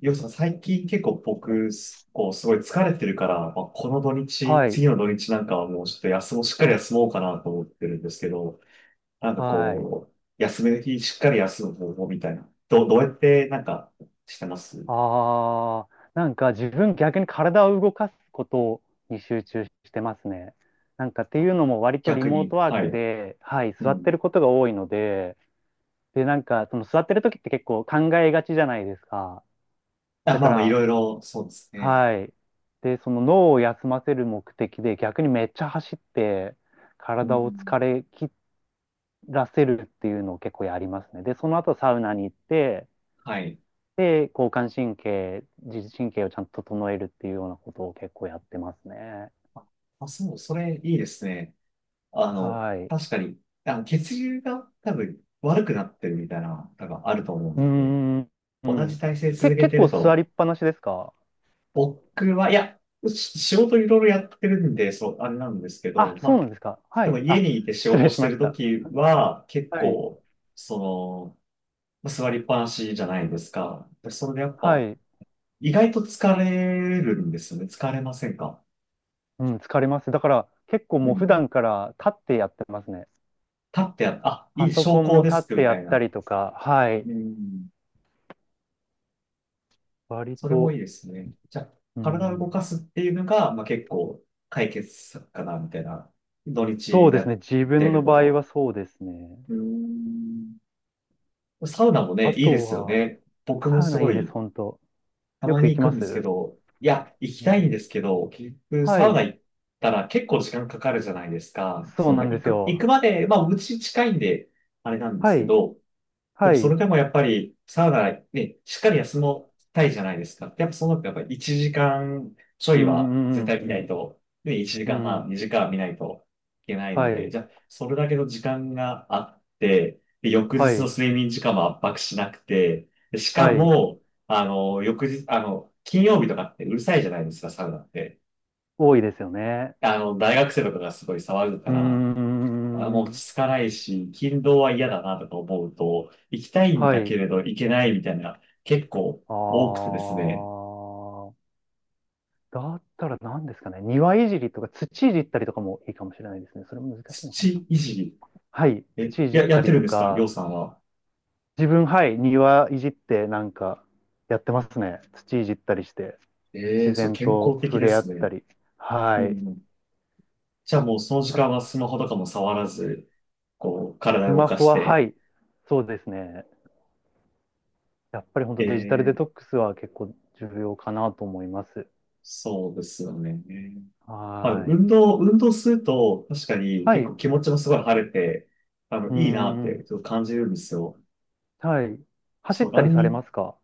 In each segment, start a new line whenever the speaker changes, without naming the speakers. よしさん、最近結構僕、すこう、すごい疲れてるから、まあ、この土日、
はい、
次の土日なんかはもうちょっと休もう、しっかり休もうかなと思ってるんですけど、なんか
はい。
こう、休める日、しっかり休む方法みたいな。どうやってなんかしてます？
ああ、なんか自分逆に体を動かすことに集中してますね。なんかっていうのも割とリ
逆
モー
に。
トワー
は
ク
い。
で、はい、
う
座って
ん。
ることが多いので、で、なんかその座ってる時って結構考えがちじゃないですか。
あ、
だ
ま
か
あまあ、い
ら、
ろいろ、そうですね。
はい。で、その脳を休ませる目的で逆にめっちゃ走って
う
体を
ん。
疲れ切らせるっていうのを結構やりますね。で、その後サウナに行って、
はい。
で、交感神経、自律神経をちゃんと整えるっていうようなことを結構やってますね。
あ、そう、それいいですね。
はい。う
確かに、血流が多分悪くなってるみたいな、多分あると思う
ー
んで、
ん、う
同じ
ん。
体勢
け、
続け
結
て
構
る
座
と、
りっぱなしですか？
僕は、いや、仕事いろいろやってるんで、そう、あれなんですけ
あ、
ど、ま
そうな
あ、
んですか。は
でも
い。
家
あ、
にいて仕
失礼
事し
し
て
ま
る
し
と
た。
きは、結
はい。
構、その、まあ座りっぱなしじゃないですか。でそれでやっ
は
ぱ、
い。
意外と疲れるんですよね。疲れませんか？
うん、疲れます。だから、結構
う
もう普
ん。
段から立ってやってますね。
立ってや、あ、い
パ
い、
ソ
昇
コン
降
も
デ
立っ
スク
て
みた
やっ
い
た
な。
りとか、はい。
うん。
割
それもい
と、
いですね。じゃあ、
う
体を
ん。
動かすっていうのが、まあ結構、解決策かな、みたいな。土
そ
日
うで
や
すね。
っ
自
て
分
る
の
こ
場合
と。
はそうですね。
うん。サウナもね、
あ
いいで
と
すよ
は、
ね。僕も
サウ
す
ナい
ご
いです、
い、
本当。
た
よ
ま
く
に
行
行
き
く
ま
んですけ
す。
ど、いや、行き
う
たいん
ん。
ですけど、結局、
は
サウナ
い、
行ったら結構時間かかるじゃないですか。
そうな
まあ
んで
行
す
く、行
よ。
くまで、まあ、うち近いんで、あれなんです
は
け
い、
ど、でも
はい、
それ
う
でもやっぱり、サウナね、しっかり休もうたいじゃないですか。やっぱそうなるとやっぱり1時間ちょ
ん、う
いは
ん、う
絶
ん
対見ないと、ね、1
う
時
ん、う
間半、
ん、
2時間は見ないといけないの
は
で、
い、
じゃあ、それだけの時間があって、で、翌
は
日の
い、
睡眠時間も圧迫しなくて、でしか
はい、
も、翌日、金曜日とかってうるさいじゃないですか、サウナって。
多いですよね。
大学生とかがすごい騒ぐか
うー
ら、あもう落
ん、
ち着かないし、勤労は嫌だなとか思うと、行きたいん
は
だ
い、
けれど行けないみたいな、結構
あ
多くてですね、
ー、だったら何ですかね、庭いじりとか土いじったりとかもいいかもしれないですね。それも難しいのかな。
土いじり、
はい、土いじっ
や、や
た
って
り
るん
と
ですかりょ
か、
うさんは。
自分、はい、庭いじってなんかやってますね。土いじったりして、
ええ、
自
そう、
然
健
と
康的
触
で
れ合
す
っ
ね。
たり。
う
はい。
ん。じゃあもうその時間はスマホとかも触らず、こう、
ス
体を動
マ
か
ホ
し
は、は
て、
い、そうですね。やっぱり本当デジタル
え
デト
え、
ックスは結構重要かなと思います。
そうですよね。まあ、
はーい。
運動すると、確かに
は
結
い。
構
う
気持ちもすごい晴れて、あの、
ー
いいなって
ん。
ちょっと感じるんですよ。
はい。走っ
そう、
た
ラ
り
ン
さ
ニ
れ
ン
ま
グ、
すか？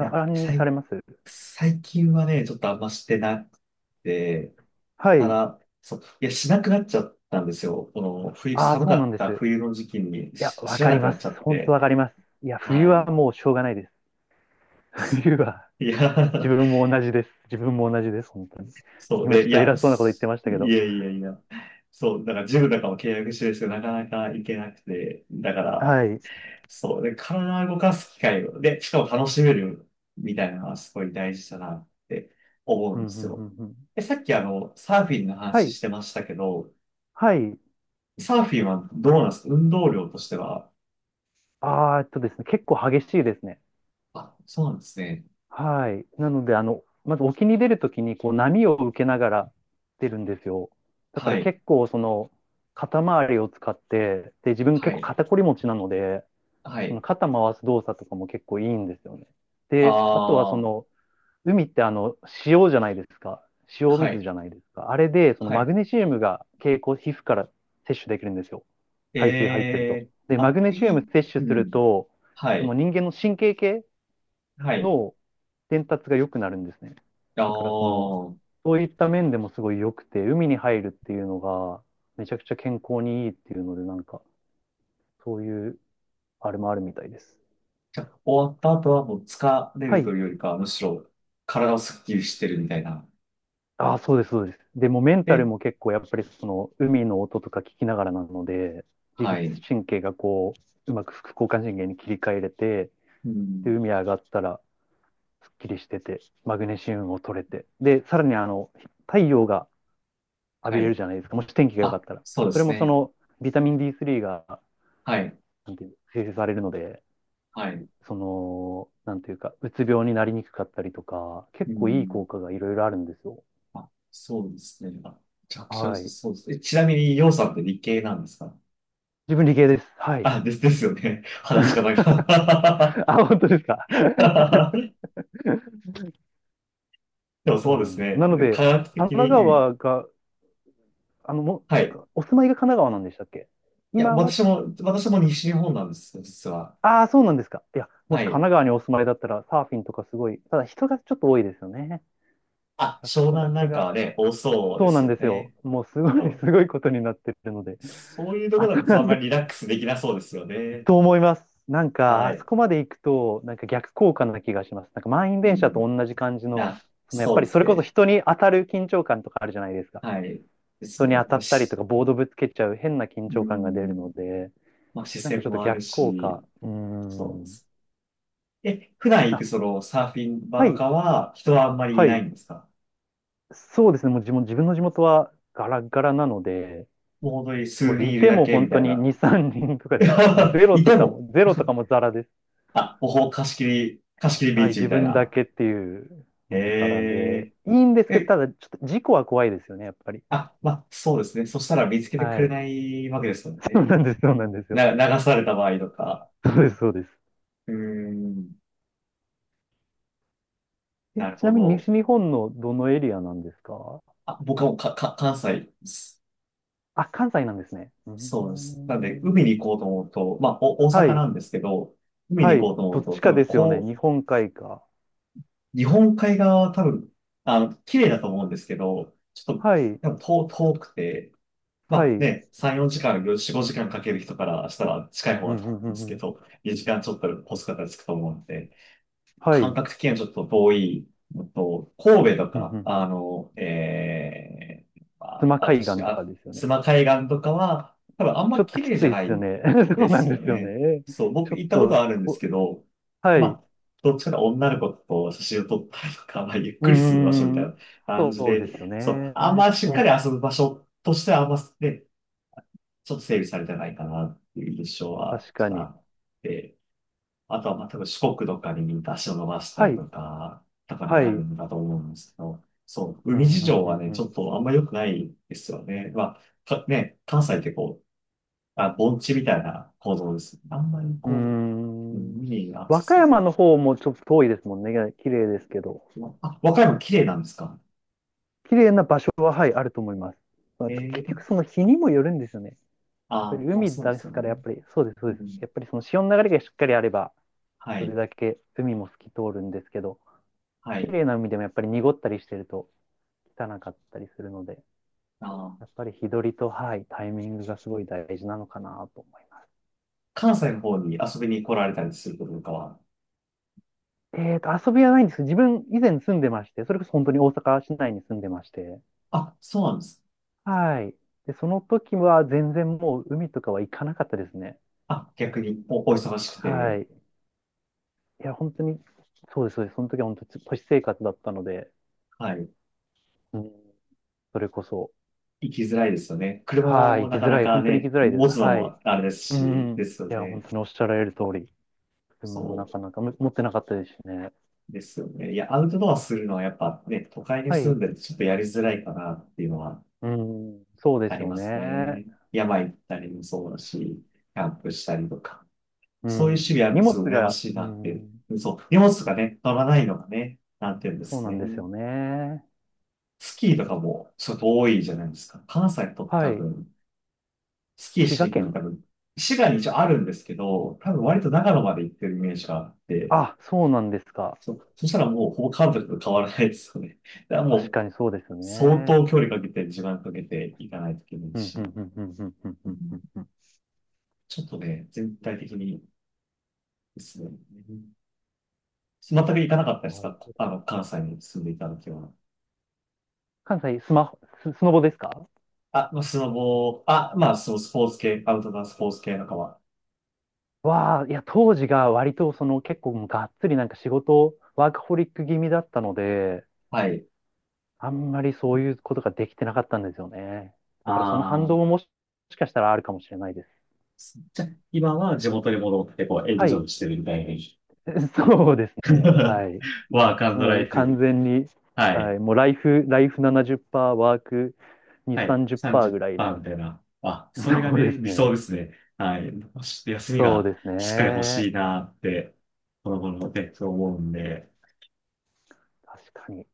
いや、
ランニングされます
最近はね、ちょっとあんましてなくて、
は
た
い。
だ、そう、いや、しなくなっちゃったんですよ。この、
ああ、
寒
そう
か
なん
っ
で
た
す。
冬の時期に
いや、わ
知ら
かり
なく
ま
なっちゃ
す。
っ
本当
て。
わかります。いや、冬
は
は
い。
もうしょうがないです。冬は、
い
自
や、
分も同じです。自分も同じです、本当に。
そう
今ちょ
で、
っ
い
と
や、
偉そうなこと言って
す
まし
い
たけど。
やいやいや。そう、だからジムとかも契約してるんですけど、なかなか行けなくて、だか
は
ら、
い。
そう、で、体を動かす機会を、で、しかも楽しめるみたいなのはすごい大事だなって思う
う
ん
ん、
で
う
す
ん、う
よ。
ん、うん。
さっきサーフィンの
は
話
い。
してましたけど、
はい。
サーフィンはどうなんですか？運動量としては。
ですね、結構激しいですね。
あ、そうなんですね。
はい。なので、あの、まず沖に出るときに、こう、波を受けながら出るんですよ。だか
は
ら
い。
結構、その、肩周りを使って、で、自分
は
結構
い。
肩こり持ちなので、
は
その
い。
肩回す動作とかも結構いいんですよね。
あ
で、あとはそ
あ、
の、海ってあの、塩じゃないですか。塩
は
水
い。
じゃないですか。あれで、その
は
マ
い。
グネシウムが経口皮膚から摂取できるんですよ。
え
海水入ってると。
え、
で、
あ、
マグネシウ
い
ム
い。
摂取
う
する
ん。
と、
は
その
い。
人間の神経系
はい。
の伝達が良くなるんですね。
あ
だからその、
あ、
そういった面でもすごい良くて、海に入るっていうのが、めちゃくちゃ健康にいいっていうので、なんか、そういう、あれもあるみたいです。
じゃあ、終わった後はもう疲れ
は
るとい
い。
うよりかは、むしろ体をスッキリしてるみたいな。
ああ、そうです、そうです。でもメンタル
で、
も結構やっぱりその、海の音とか聞きながらなので、自
は
律
い。
神経がこう、うまく副交感神経に切り替えれて、
う
で、
ん。
海上がったら、すっきりしてて、マグネシウムも取れて、で、さらにあの、太陽が浴
は
びれる
い。
じゃないですか。もし天気が良かっ
あ、
たら。
そうで
それ
す
もそ
ね。
のビタミン D3 が、
はい。
なんていう生成されるので、
はい。
その、なんていうか、うつ病になりにくかったりとか、
う
結構いい
ん。
効果がいろいろあるんですよ。
あ、そうですね。あ、めちゃくちゃ
はい。
そうですね。ちなみに、ようさんって理系なんですか？
自分理系です。はい。
あ、ですよね。話し方
あ、
が
本当ですか。
でも そ
そう
うで
なん
す
です。
ね。
なの
科
で、
学的
神奈
に、うん。
川が、あの、
はい。
お住まいが神奈川なんでしたっけ？
いや、
今は、
私も、私も西日本なんですよ、実は。
ああ、そうなんですか。いや、も
は
し神
い。
奈川にお住まいだったら、サーフィンとかすごい、ただ人がちょっと多いですよね。
あ、
そ
湘
こだ
南な
け
んか
が、
はね、多そうで
そうな
す
ん
よ
ですよ。
ね。
もうすごい、
そ
す
う。
ごいことになってるので。
そういうとこ
あ
ろ
そ
だ
こ、
とあ
あ
んま
そ
り
こ、
リラックスできなそうですよね。
と思います。なんか、
は
あそ
い。
こまで行くと、なんか逆効果な気がします。なんか満員
う
電車
ん。
と同じ感じの、
あ、
そのやっ
そ
ぱ
うで
りそ
す
れこそ
ね。
人に当たる緊張感とかあるじゃないですか。
はい。です
人に
ね。
当た
まあ、
ったりと
し、
か、ボードぶつけちゃう変な緊
う
張感が出るの
ん。
で、
まあ、視
なんか
線
ちょっと
もある
逆効果。
し、
うー
そうで
ん。
す。普段行
あ、
くそのサーフィン場
は
と
い、
かは人はあんまりい
は
ない
い。
んですか？
そうですね。もう自分、自分の地元はガラガラなので、
もう本当に数
もう
人
い
いる
て
だ
も
けみ
本当
たい
に
な。
2、3人とかですね。もう ゼロ
い
と
て
か
も、
も、ゼロとかもザラです。
あ、貸し切りビ
は
ー
い、
チみ
自
たい
分だ
な。
けっていうのもたら
へ
で、
え
いいんです
ー。
けど、ただ、ちょっと事故は怖いですよね、やっぱり。
あ、まあ、そうですね。そしたら見つけてく
は
れ
い。
ないわけですもん
そう
ね。
なんです、そうなんですよ。
な、流された場合とか。
そうです、そうです。
うーん、
え、
なる
ち
ほ
なみに
ど。
西日本のどのエリアなんですか？
あ、僕はもう関西です。
あ、関西なんですね。うー
そうです。なんで、
ん。
海に行こうと思うと、まあ、大阪
はい、
なんですけど、海
は
に行こ
い。
うと思
ど
う
っ
と、
ち
多
かで
分、
すよね、日本海か。
日本海側は多分、あの、綺麗だと思うんですけど、ちょっと、
はい、
多分遠くて、ま
はい。う
あ
ん
ね、3、4時間、4、5時間かける人からしたら近い方
う
だ
ん
と思う
う
んです
ん
け
うん。
ど、2時間ちょっとコスかからつくと思うんで、
はい。う
感
ん
覚的にはちょっと遠いのと、神戸と
うんう
か、
ん。
ま
妻
あ、あと
海
し、
岸とか
あ、
ですよ
須
ね。
磨海岸とかは、多分あん
ち
ま
ょっと
綺
き
麗じ
つ
ゃ
いで
な
すよ
い
ね。そう
で
なん
すよ
ですよ
ね。
ね。
そう、
ち
僕
ょっ
行ったこと
と、
はあるんです
お、
けど、
は
ま
い。
あ、どっちかというと女の子と写真を撮ったりとか、まあ、ゆっ
うー
くりする場所みたいな
ん。
感
そ
じ
うですよ
で、そう、あん
ね。
ましっかり遊ぶ場所としてはあんま、ね、ちょっと整備されてないかなっていう印象は、
確
ちょっ
か
とあ
に。
って、あとは、まあ、多分四国とかに足を伸ばした
は
り
い。
とか、とかに
はい。う
なる
ん、
んだと思うんですけど、そう、
う
海
ん、
事
う
情はね、ち
ん、
ょっとあんま良くないですよね。まあ、関西ってこう、あ、盆地みたいな構造です。あんまり
う
こう、うん、
ん。うーん。
海にアクセ
和歌
ス。
山の方もちょっと遠いですもんね。綺麗ですけど。
まあ、和歌山綺麗なんですか？
綺麗な場所は、はい、あると思います。まあ
え
結
え、
局、その日にもよるんですよね。やっぱり
あ、まあ
海
そうで
で
す
す
よ
から、
ね。
やっぱり、そうです、そ
う
うです。
ん、
やっぱりその潮の流れがしっかりあれば、
は
それ
い、
だけ海も透き通るんですけど、
は
綺
い。
麗な海でもやっぱり濁ったりしてると汚かったりするので。
あ、
やっぱり日取りと、はい、タイミングがすごい大事なのかなと思います。
関西の方に遊びに来られたりすることとかは、
えっと、遊びはないんですけど、自分以前住んでまして、それこそ本当に大阪市内に住んでまして、
あ、そうなんです。
はい。で、その時は全然もう海とかは行かなかったですね。
あ、逆にお忙しく
は
て、
い。いや、本当に、そうです、そうです。その時は本当に都市生活だったので、
はい。
うん、それこそ、
行きづらいですよね。車
はい、
も
行き
なか
づ
な
らい、
か
本当に行
ね、
きづらいです。
持つの
はい。
もあれです
う
し、
ん。
ですよ
いや、本
ね。
当におっしゃられる通り、車
そ
もなかなか持ってなかったですしね。
うですよね。いや、アウトドアするのはやっぱね、都会に
は
住ん
い。
でるとちょっとやりづらいかなっていうのは
うん、そうで
あ
す
り
よ
ます
ね。
ね。山行ったりもそうだし、キャンプしたりとか。
う
そういう趣味
ん。
ある
荷
の
物
すごい羨ま
が、
しい
う
なってい
ん。
う。そう、荷物とかね、乗らないのがね、なんていうんで
そう
す
なん
ね。
ですよね。
スキーとかもちょっと多いじゃないですか。関西と
は
多
い。
分スキー
滋
し
賀
に行くのに
県。
多分、滋賀に一応あるんですけど、多分割と長野まで行ってるイメージがあって、
あ、そうなんですか。
そしたらもうほぼ関国と変わらないですよね。だからも
確
う
かにそうです
相
ね。
当距離かけて、時間かけて行かないといけない
うん、う
し、
ん、うん、うん、うん、うん、う
う
ん、う
ん、
んうん、
ちょっとね、全体的にですね、全く行かなかったです
なる
か？
ほど。
関西に住んでいた時は。
関西、スマホ、スノボですか？
あ、まあスノボー、あ、まあ、そう、スポーツ系、アウトドアスポーツ系のかは。
わあ、いや、当時が割と、その、結構、がっつりなんか仕事、ワークホリック気味だったので、
はい。
あんまりそういうことができてなかったんですよね。だから、その
あ
反動も
あ、
しかしたらあるかもしれないです。
じゃあ、今は地元に戻って、こう、エン
は
ジ
い。
ョイしてるみたいな。
そうですね。は い。
ワークラ
も
イ
う完
フ。
全に、
は
は
い。
い、もうライフ、ライフ70%、ワーク2、
はい。
30%ぐらいな。
30%みたいな。あ、それが
そう
ね、
です
理想で
ね。
すね。はい。もし休み
そう
が
です
しっかり欲
ね。
しいなって、この頃ね、そう思うんで。
確かに。